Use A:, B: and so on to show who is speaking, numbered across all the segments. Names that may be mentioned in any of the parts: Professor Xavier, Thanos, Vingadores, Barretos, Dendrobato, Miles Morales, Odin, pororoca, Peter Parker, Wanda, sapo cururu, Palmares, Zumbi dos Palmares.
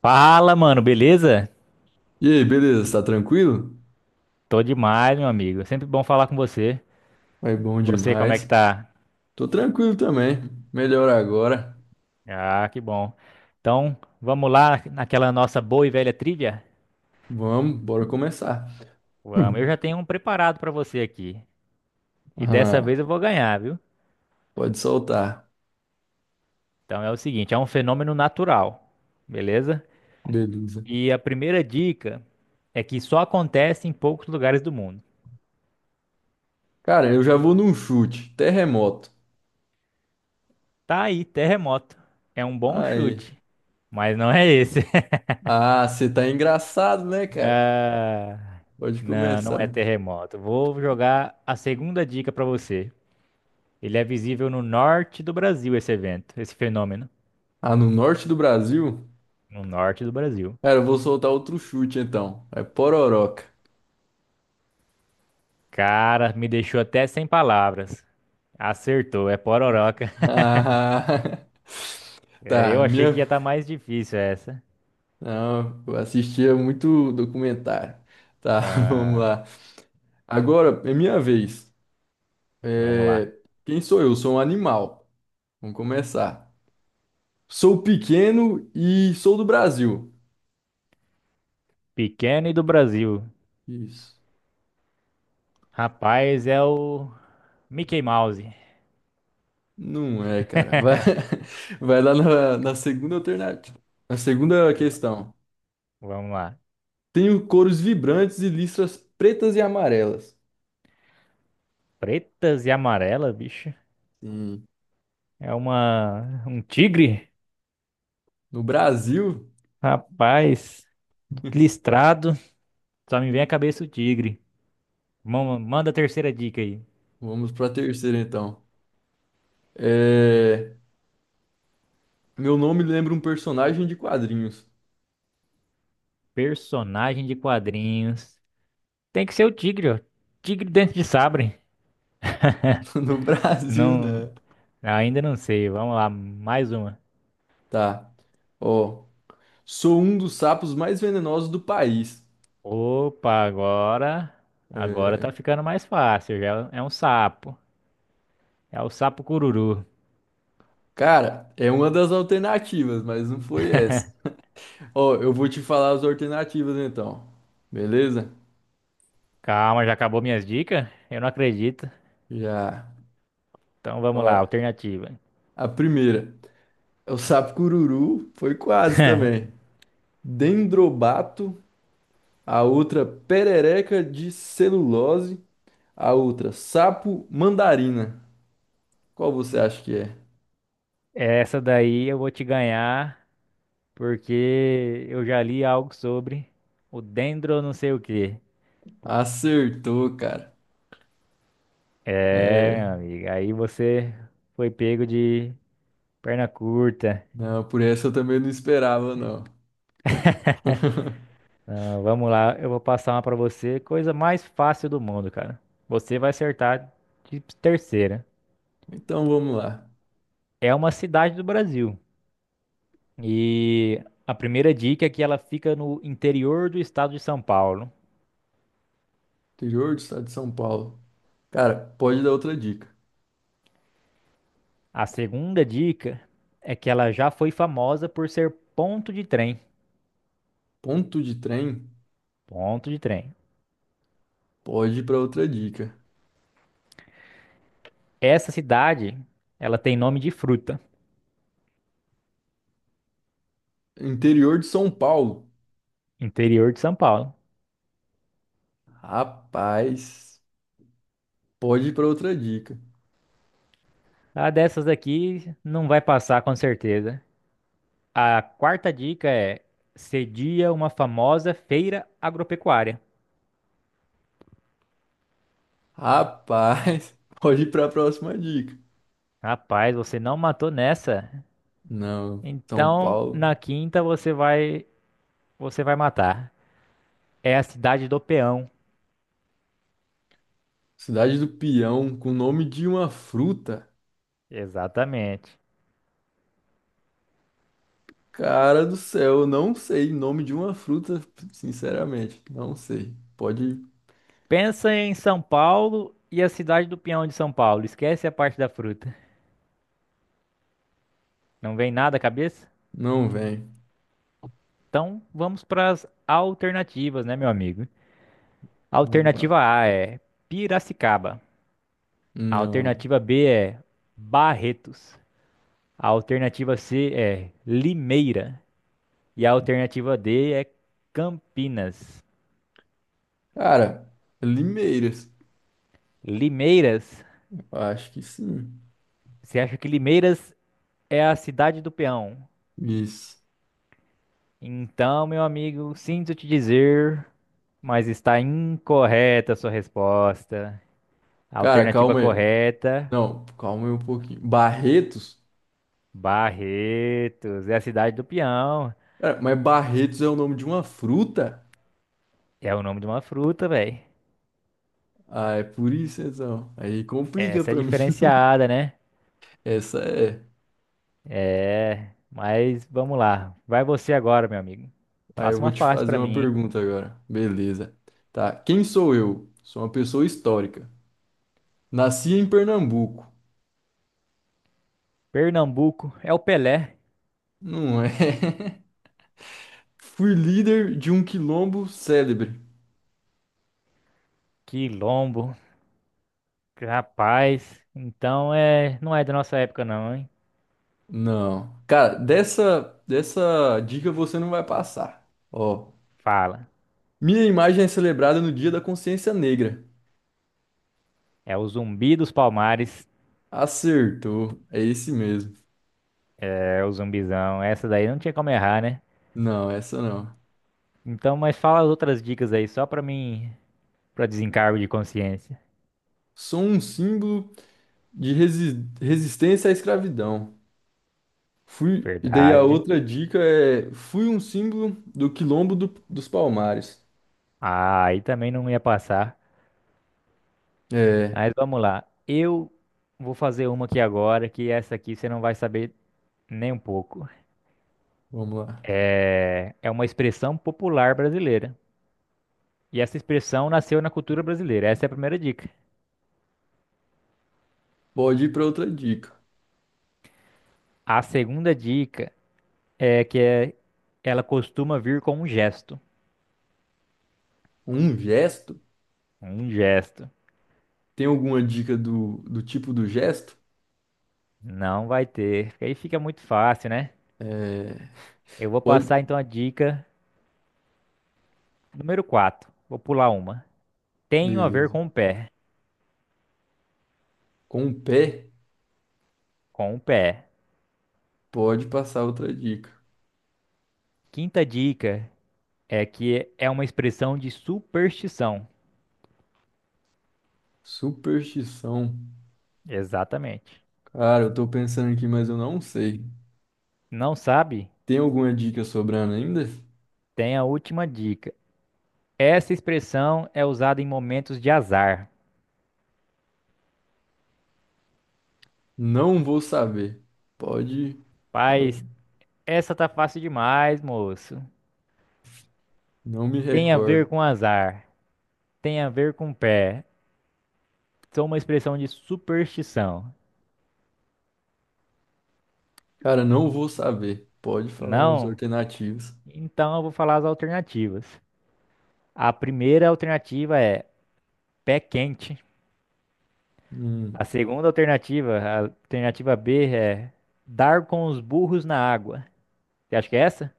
A: Fala, mano, beleza?
B: E aí, beleza? Tá tranquilo?
A: Tô demais, meu amigo. É sempre bom falar com você.
B: Vai bom
A: Você, como é que
B: demais.
A: tá?
B: Tô tranquilo também. Melhor agora.
A: Ah, que bom. Então, vamos lá naquela nossa boa e velha trivia?
B: Vamos, bora começar.
A: Vamos, eu
B: Hum.
A: já tenho um preparado pra você aqui. E dessa
B: Ah,
A: vez eu vou ganhar, viu?
B: pode soltar.
A: Então é o seguinte, é um fenômeno natural, beleza?
B: Beleza.
A: E a primeira dica é que só acontece em poucos lugares do mundo.
B: Cara, eu já vou num chute. Terremoto.
A: Tá aí, terremoto. É um bom
B: Aí.
A: chute, mas não é esse.
B: Ah, você tá engraçado, né, cara?
A: Ah,
B: Pode
A: não, é
B: começar.
A: terremoto. Vou jogar a segunda dica para você. Ele é visível no norte do Brasil, esse evento, esse fenômeno.
B: Ah, no norte do Brasil?
A: No norte do Brasil.
B: Cara, eu vou soltar outro chute então. É pororoca.
A: Cara, me deixou até sem palavras. Acertou, é pororoca.
B: Ah,
A: É,
B: tá,
A: eu achei
B: minha.
A: que ia estar mais difícil essa.
B: Não, eu assistia muito documentário. Tá, vamos
A: Ah,
B: lá. Agora é minha vez.
A: vamos lá.
B: É, quem sou eu? Sou um animal. Vamos começar. Sou pequeno e sou do Brasil.
A: Pequeno e do Brasil.
B: Isso.
A: Rapaz, é o Mickey Mouse.
B: Não é, cara. Vai, vai lá na segunda alternativa. Na segunda questão.
A: Vamos lá.
B: Tenho cores vibrantes e listras pretas e amarelas.
A: Pretas e amarelas, bicho.
B: Sim.
A: É uma um tigre?
B: No Brasil,
A: Rapaz, listrado, só me vem à cabeça o tigre. Manda a terceira dica aí.
B: vamos para a terceira então. É, meu nome lembra um personagem de quadrinhos.
A: Personagem de quadrinhos. Tem que ser o tigre, ó. Tigre dentro de sabre.
B: No Brasil,
A: Não,
B: né?
A: ainda não sei. Vamos lá, mais uma.
B: Tá. Ó. Sou um dos sapos mais venenosos do país.
A: Opa, agora, agora
B: É,
A: tá ficando mais fácil. Já é um sapo. É o sapo cururu.
B: cara, é uma das alternativas, mas não foi essa. Ó, eu vou te falar as alternativas então. Beleza?
A: Calma, já acabou minhas dicas? Eu não acredito.
B: Já.
A: Então
B: Ó,
A: vamos lá, alternativa.
B: a primeira é o sapo cururu, foi quase também. Dendrobato, a outra perereca de celulose, a outra sapo mandarina. Qual você acha que é?
A: Essa daí eu vou te ganhar, porque eu já li algo sobre o dendro não sei o quê.
B: Acertou, cara.
A: É, meu
B: É.
A: amigo, aí você foi pego de perna curta.
B: Não, por essa eu também não esperava, não.
A: Não, vamos lá, eu vou passar uma pra você, coisa mais fácil do mundo, cara. Você vai acertar de terceira.
B: Então vamos lá.
A: É uma cidade do Brasil. E a primeira dica é que ela fica no interior do estado de São Paulo.
B: Interior do estado de São Paulo. Cara, pode dar outra dica.
A: A segunda dica é que ela já foi famosa por ser ponto de trem.
B: Ponto de trem?
A: Ponto de trem.
B: Pode ir para outra dica.
A: Essa cidade, ela tem nome de fruta,
B: Interior de São Paulo.
A: interior de São Paulo.
B: Rapaz, pode ir para outra dica.
A: A dessas daqui não vai passar com certeza. A quarta dica é cedia uma famosa feira agropecuária.
B: Rapaz, pode ir para a próxima dica.
A: Rapaz, você não matou nessa.
B: Não, São
A: Então,
B: Paulo.
A: na quinta você vai matar. É a cidade do Peão.
B: Cidade do Peão, com o nome de uma fruta.
A: Exatamente.
B: Cara do céu, eu não sei o nome de uma fruta, sinceramente, não sei. Pode,
A: Pensa em São Paulo e a cidade do Peão de São Paulo. Esquece a parte da fruta. Não vem nada à cabeça?
B: não vem.
A: Então, vamos para as alternativas, né, meu amigo?
B: Vamos lá.
A: Alternativa A é Piracicaba. A
B: Não.
A: alternativa B é Barretos. A alternativa C é Limeira. E a alternativa D é Campinas.
B: Cara, limeiras.
A: Limeiras?
B: Eu acho que sim.
A: Você acha que Limeiras é a cidade do peão?
B: Isso.
A: Então, meu amigo, sinto te dizer, mas está incorreta a sua resposta. A
B: Cara,
A: alternativa
B: calma aí.
A: correta
B: Não, calma aí um pouquinho. Barretos?
A: Barretos, é a cidade do peão.
B: Cara, mas Barretos é o nome de uma fruta?
A: É o nome de uma fruta, velho.
B: Ah, é por isso então. Aí complica
A: Essa é
B: pra mim.
A: diferenciada, né?
B: Essa é.
A: É, mas vamos lá. Vai você agora, meu amigo.
B: Aí eu
A: Passa
B: vou
A: uma
B: te
A: fácil
B: fazer
A: pra
B: uma
A: mim, hein?
B: pergunta agora. Beleza. Tá. Quem sou eu? Sou uma pessoa histórica. Nasci em Pernambuco.
A: Pernambuco é o Pelé.
B: Não é. Fui líder de um quilombo célebre.
A: Quilombo. Rapaz. Então é, não é da nossa época não, hein?
B: Não. Cara, dessa dica você não vai passar. Ó.
A: Fala.
B: Minha imagem é celebrada no Dia da Consciência Negra.
A: É o Zumbi dos Palmares.
B: Acertou. É esse mesmo.
A: É o zumbizão. Essa daí não tinha como errar, né?
B: Não, essa não.
A: Então, mas fala as outras dicas aí só pra mim, pra desencargo de consciência.
B: Sou um símbolo de resistência à escravidão. Fui. E daí a
A: Verdade.
B: outra dica é: fui um símbolo do dos Palmares.
A: Ah, aí também não ia passar.
B: É,
A: Mas vamos lá. Eu vou fazer uma aqui agora, que essa aqui você não vai saber nem um pouco.
B: vamos lá.
A: É uma expressão popular brasileira. E essa expressão nasceu na cultura brasileira. Essa é a primeira dica.
B: Pode ir para outra dica.
A: A segunda dica é ela costuma vir com um gesto.
B: Um gesto?
A: Um gesto.
B: Tem alguma dica do tipo do gesto?
A: Não vai ter. Porque aí fica muito fácil, né?
B: É,
A: Eu vou passar
B: pode.
A: então a dica número 4. Vou pular uma. Tenho a ver
B: Beleza.
A: com o pé.
B: Com o pé,
A: Com o pé.
B: pode passar outra dica.
A: Quinta dica. É que é uma expressão de superstição.
B: Superstição.
A: Exatamente.
B: Cara, eu tô pensando aqui, mas eu não sei.
A: Não sabe?
B: Tem alguma dica sobrando ainda?
A: Tem a última dica. Essa expressão é usada em momentos de azar.
B: Não vou saber. Pode falar.
A: Paz, essa tá fácil demais, moço.
B: Não me
A: Tem a ver
B: recordo.
A: com azar. Tem a ver com pé. Sou uma expressão de superstição.
B: Cara, não vou saber. Pode falar as
A: Não?
B: alternativas.
A: Então eu vou falar as alternativas. A primeira alternativa é pé quente.
B: Hum.
A: A segunda alternativa, a alternativa B, é dar com os burros na água. Você acha que é essa?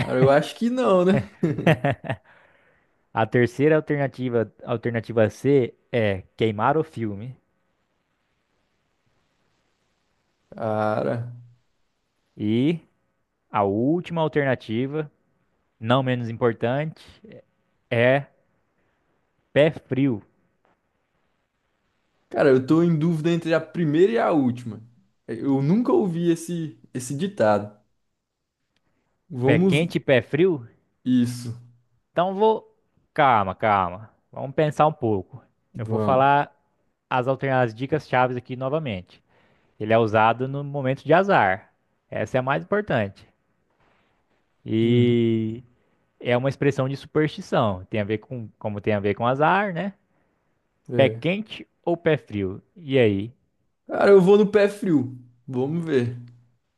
B: Cara, eu acho que não, né?
A: A terceira alternativa, alternativa C é queimar o filme.
B: Cara.
A: E a última alternativa, não menos importante, é pé frio.
B: Cara, eu tô em dúvida entre a primeira e a última. Eu nunca ouvi esse ditado.
A: Pé
B: Vamos.
A: quente e pé frio?
B: Isso.
A: Então vou. Calma, calma. Vamos pensar um pouco. Eu vou
B: Vamos.
A: falar as dicas chaves aqui novamente. Ele é usado no momento de azar. Essa é a mais importante.
B: Uhum.
A: E é uma expressão de superstição. Tem a ver com, como tem a ver com azar, né? Pé
B: É.
A: quente ou pé frio? E aí?
B: Cara, eu vou no pé frio. Vamos ver.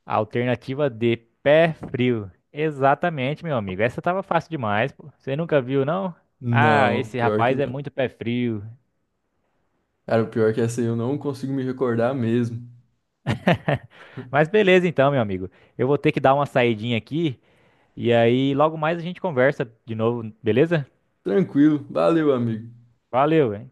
A: Alternativa D, pé frio. Exatamente, meu amigo. Essa tava fácil demais, pô. Você nunca viu, não? Ah,
B: Não,
A: esse
B: pior que
A: rapaz é
B: não.
A: muito pé frio.
B: Cara, o pior é que essa aí eu não consigo me recordar mesmo.
A: Mas beleza então, meu amigo. Eu vou ter que dar uma saidinha aqui e aí logo mais a gente conversa de novo, beleza?
B: Tranquilo. Valeu, amigo.
A: Valeu, hein?